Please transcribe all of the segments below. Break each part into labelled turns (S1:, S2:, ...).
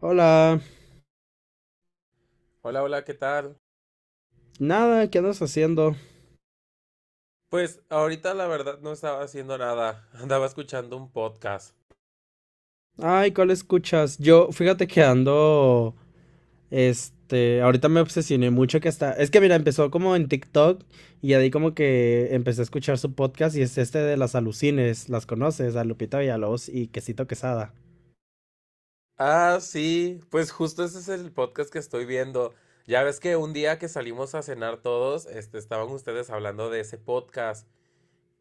S1: Hola,
S2: Hola, hola, ¿qué tal?
S1: nada, ¿qué andas haciendo?
S2: Pues ahorita la verdad no estaba haciendo nada, andaba escuchando un podcast.
S1: Ay, ¿cuál escuchas? Yo, fíjate que ando, ahorita me obsesioné mucho que hasta, es que mira, empezó como en TikTok y ahí como que empecé a escuchar su podcast y es este de las alucines, ¿las conoces? A Lupita Villalobos y Quesito Quesada.
S2: Ah, sí, pues justo ese es el podcast que estoy viendo. Ya ves que un día que salimos a cenar todos, este, estaban ustedes hablando de ese podcast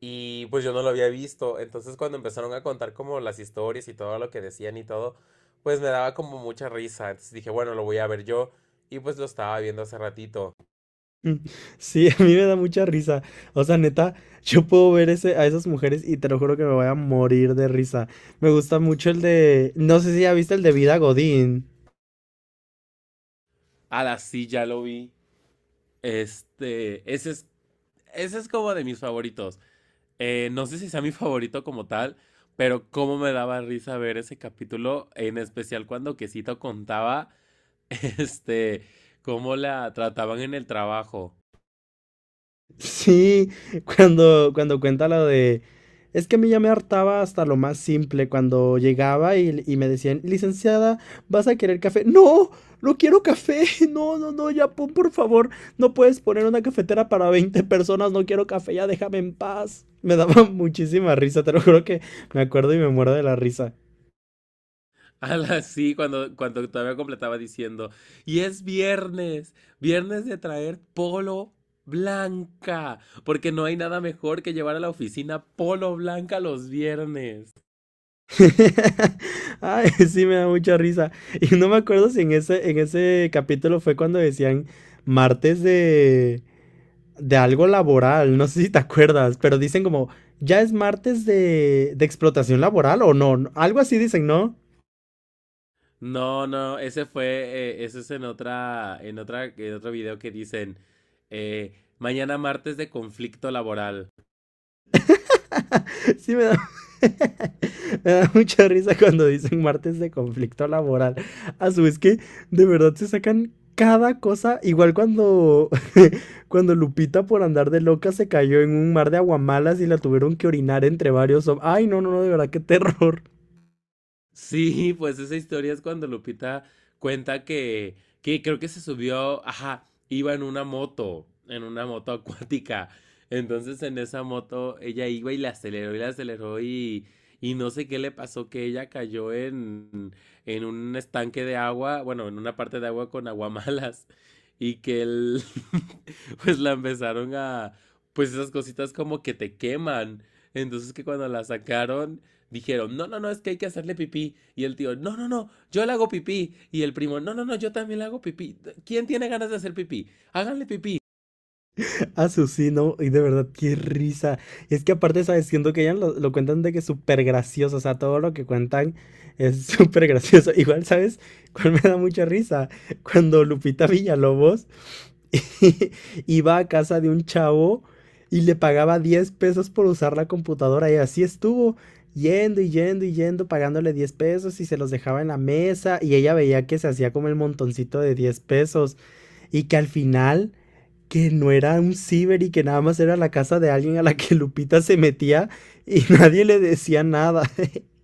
S2: y pues yo no lo había visto. Entonces cuando empezaron a contar como las historias y todo lo que decían y todo, pues me daba como mucha risa. Entonces dije, bueno, lo voy a ver yo y pues lo estaba viendo hace ratito.
S1: Mm, sí, a mí me da mucha risa. O sea, neta, yo puedo ver ese, a esas mujeres y te lo juro que me voy a morir de risa. Me gusta mucho el de, no sé si ya viste el de Vida Godín.
S2: A sí, ya lo vi. Este, ese es como de mis favoritos. No sé si sea mi favorito como tal, pero cómo me daba risa ver ese capítulo, en especial cuando Quesito contaba, este, cómo la trataban en el trabajo.
S1: Sí, cuando cuenta lo de... Es que a mí ya me hartaba hasta lo más simple cuando llegaba y me decían, licenciada, ¿vas a querer café? No, no quiero café. No, no, no, ya pon, por favor, no puedes poner una cafetera para 20 personas, no quiero café, ya déjame en paz. Me daba muchísima risa, te lo juro que me acuerdo y me muero de la risa.
S2: A la- Sí, cuando todavía completaba diciendo, y es viernes, viernes de traer polo blanca, porque no hay nada mejor que llevar a la oficina polo blanca los viernes.
S1: Ay, sí, me da mucha risa. Y no me acuerdo si en ese capítulo fue cuando decían martes de algo laboral, no sé si te acuerdas, pero dicen como, ya es martes de explotación laboral o no, no, algo así dicen, ¿no?
S2: No, no, ese fue, ese es en en otro video que dicen, eh, mañana martes de conflicto laboral.
S1: Sí, me da, me da mucha risa cuando dicen martes de conflicto laboral. A su vez que de verdad se sacan cada cosa, igual cuando, cuando Lupita por andar de loca se cayó en un mar de aguamalas y la tuvieron que orinar entre varios... Ay, no, no, no, de verdad, qué terror.
S2: Sí, pues esa historia es cuando Lupita cuenta que creo que se subió, ajá, iba en una moto acuática. Entonces en esa moto ella iba y la aceleró y la aceleró y no sé qué le pasó, que ella cayó en un estanque de agua, bueno, en una parte de agua con aguamalas y que él, pues la empezaron a, pues esas cositas como que te queman. Entonces que cuando la sacaron dijeron, no, no, no, es que hay que hacerle pipí. Y el tío, no, no, no, yo le hago pipí. Y el primo, no, no, no, yo también le hago pipí. ¿Quién tiene ganas de hacer pipí? Háganle pipí.
S1: Sí, no, y de verdad, qué risa. Y es que aparte, ¿sabes? Siento que ya lo cuentan de que es súper gracioso, o sea, todo lo que cuentan es súper gracioso. Igual, ¿sabes? ¿Cuál me da mucha risa? Cuando Lupita Villalobos iba a casa de un chavo y le pagaba 10 pesos por usar la computadora y así estuvo. Yendo y yendo y yendo, pagándole 10 pesos y se los dejaba en la mesa y ella veía que se hacía como el montoncito de 10 pesos y que al final que no era un ciber y que nada más era la casa de alguien a la que Lupita se metía y nadie le decía nada.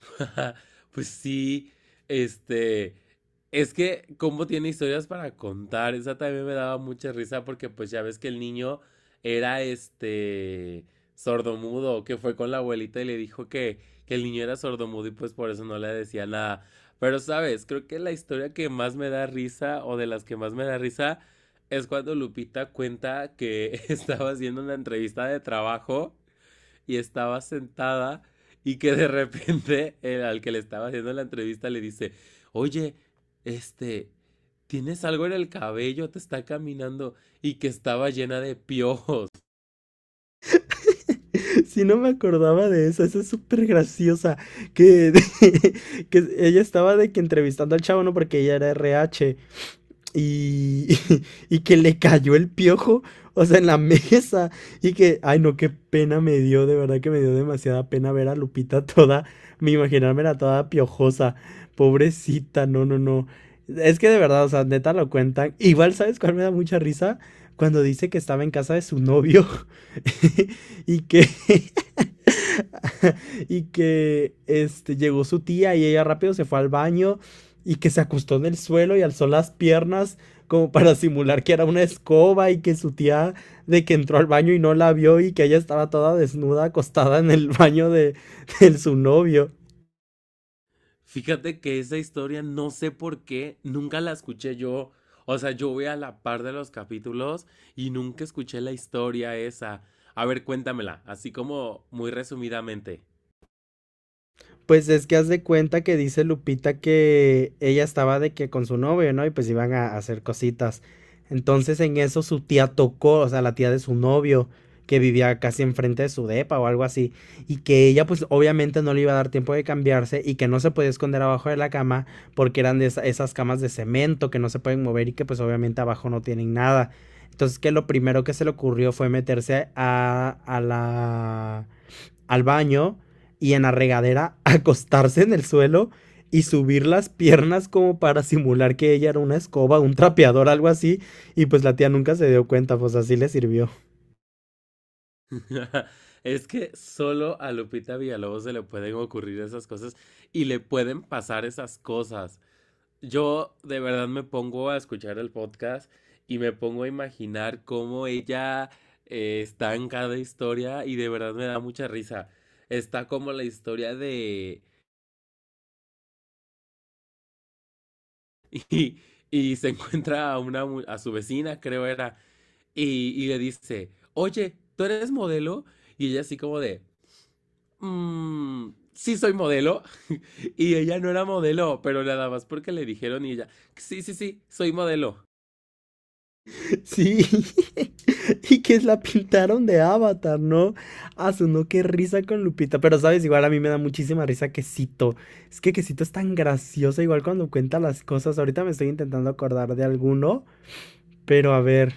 S2: Pues sí, este, es que como tiene historias para contar, esa también me daba mucha risa porque pues ya ves que el niño era este sordomudo, que fue con la abuelita y le dijo que el niño era sordomudo y pues por eso no le decía nada. Pero sabes, creo que la historia que más me da risa o de las que más me da risa es cuando Lupita cuenta que estaba haciendo una entrevista de trabajo y estaba sentada y que de repente el al que le estaba haciendo la entrevista le dice, oye, este, tienes algo en el cabello, te está caminando y que estaba llena de piojos.
S1: Si no me acordaba de eso, esa es súper graciosa. Que, que ella estaba de que entrevistando al chavo, ¿no? Porque ella era RH. Y, y que le cayó el piojo, o sea, en la mesa. Y que, ay, no, qué pena me dio, de verdad que me dio demasiada pena ver a Lupita toda, me imaginármela toda piojosa. Pobrecita, no, no, no. Es que de verdad, o sea, neta lo cuentan. Igual, ¿sabes cuál me da mucha risa? Cuando dice que estaba en casa de su novio y que llegó su tía y ella rápido se fue al baño y que se acostó en el suelo y alzó las piernas como para simular que era una escoba y que su tía de que entró al baño y no la vio y que ella estaba toda desnuda acostada en el baño de, de su novio.
S2: Fíjate que esa historia no sé por qué, nunca la escuché yo. O sea, yo voy a la par de los capítulos y nunca escuché la historia esa. A ver, cuéntamela, así como muy resumidamente.
S1: Pues es que haz de cuenta que dice Lupita que ella estaba de que con su novio, ¿no? Y pues iban a hacer cositas. Entonces en eso su tía tocó, o sea, la tía de su novio, que vivía casi enfrente de su depa o algo así, y que ella pues obviamente no le iba a dar tiempo de cambiarse y que no se podía esconder abajo de la cama porque eran de esas camas de cemento que no se pueden mover y que pues obviamente abajo no tienen nada. Entonces que lo primero que se le ocurrió fue meterse a la al baño y en la regadera acostarse en el suelo y subir las piernas como para simular que ella era una escoba, un trapeador, algo así. Y pues la tía nunca se dio cuenta, pues así le sirvió.
S2: Es que solo a Lupita Villalobos se le pueden ocurrir esas cosas y le pueden pasar esas cosas. Yo de verdad me pongo a escuchar el podcast y me pongo a imaginar cómo ella está en cada historia y de verdad me da mucha risa. Está como la historia de... Y, y se encuentra a, una, mu- a su vecina, creo era, y le dice, oye, ¿tú eres modelo? Y ella así como de, mm, sí soy modelo. Y ella no era modelo, pero nada más porque le dijeron y ella, sí, sí, sí, soy modelo.
S1: Sí. Y que la pintaron de avatar, ¿no? Asunó, qué risa con Lupita. Pero sabes, igual a mí me da muchísima risa Quesito. Es que Quesito es tan graciosa, igual cuando cuenta las cosas. Ahorita me estoy intentando acordar de alguno. Pero a ver,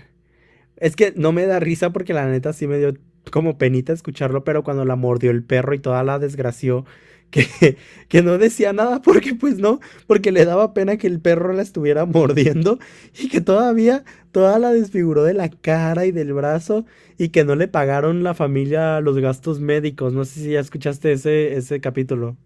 S1: es que no me da risa porque la neta sí me dio como penita escucharlo, pero cuando la mordió el perro y toda la desgració, que, que no decía nada porque pues no, porque le daba pena que el perro la estuviera mordiendo y que todavía toda la desfiguró de la cara y del brazo y que no le pagaron la familia los gastos médicos. No sé si ya escuchaste ese capítulo.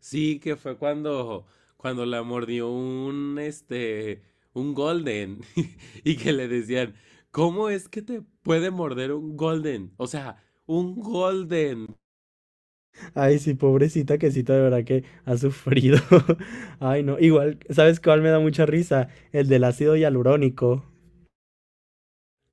S2: Sí, que fue cuando, cuando la mordió un, este, un golden y que le decían, ¿cómo es que te puede morder un golden? O sea, un golden.
S1: Ay, sí, pobrecita quesita, de verdad que ha sufrido. Ay, no, igual, ¿sabes cuál me da mucha risa? El del ácido hialurónico.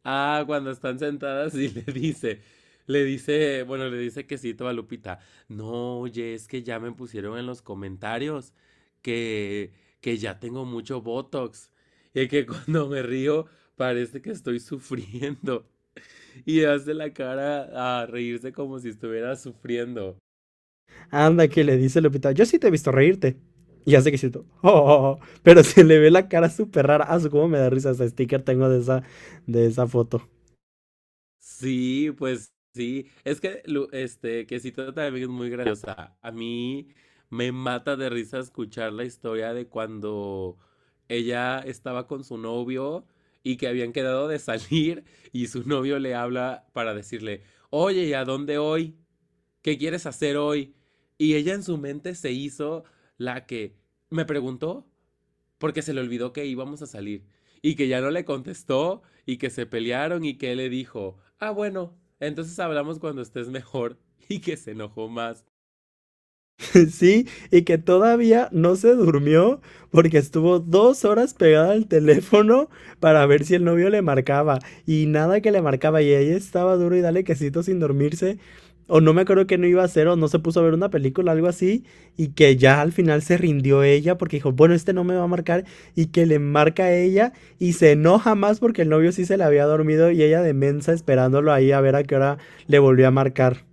S2: Ah, cuando están sentadas y le dice, bueno, le dice quesito a Lupita. No, oye, es que ya me pusieron en los comentarios que, que ya tengo mucho Botox y que cuando me río parece que estoy sufriendo y hace la cara a reírse como si estuviera sufriendo.
S1: Anda, que le dice Lupita, yo sí te he visto reírte. Y hace que siento, oh, oh, oh, pero se le ve la cara súper rara. Ah, su cómo me da risa ese sticker tengo de esa foto.
S2: Sí, pues sí. Es que Lu- este, Quesito también es muy graciosa. A mí me mata de risa escuchar la historia de cuando ella estaba con su novio y que habían quedado de salir y su novio le habla para decirle, oye, ¿y a dónde hoy? ¿Qué quieres hacer hoy? Y ella en su mente se hizo la que me preguntó, porque se le olvidó que íbamos a salir y que ya no le contestó y que se pelearon y que él le dijo, ah, bueno, entonces hablamos cuando estés mejor y que se enojó más.
S1: Sí, y que todavía no se durmió porque estuvo 2 horas pegada al teléfono para ver si el novio le marcaba y nada que le marcaba y ella estaba duro y dale quesito sin dormirse o no me acuerdo que no iba a hacer o no se puso a ver una película, algo así y que ya al final se rindió ella porque dijo, bueno, este no me va a marcar y que le marca a ella y se enoja más porque el novio sí se le había dormido y ella de mensa esperándolo ahí a ver a qué hora le volvió a marcar.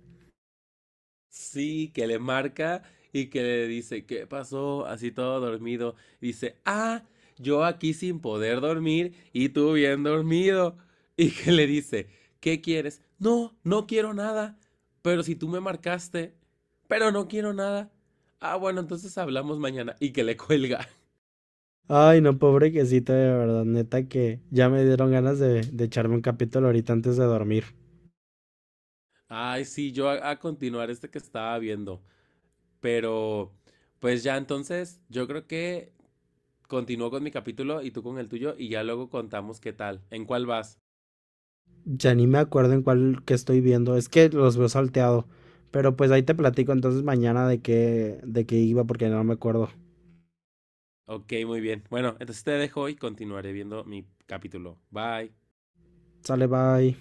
S2: Sí, que le marca y que le dice, ¿qué pasó? Así todo dormido. Dice, ah, yo aquí sin poder dormir y tú bien dormido. Y que le dice, ¿qué quieres? No, no quiero nada. Pero si tú me marcaste, pero no quiero nada. Ah, bueno, entonces hablamos mañana. Y que le cuelga.
S1: Ay, no, pobre quesito, de verdad, neta que ya me dieron ganas de echarme un capítulo ahorita antes de dormir.
S2: Ay, sí, yo a continuar este que estaba viendo. Pero, pues ya entonces, yo creo que continúo con mi capítulo y tú con el tuyo y ya luego contamos qué tal, en cuál vas.
S1: Ya ni me acuerdo en cuál que estoy viendo, es que los veo salteado. Pero pues ahí te platico entonces mañana de qué iba porque no me acuerdo.
S2: Ok, muy bien. Bueno, entonces te dejo y continuaré viendo mi capítulo. Bye.
S1: Sale, bye.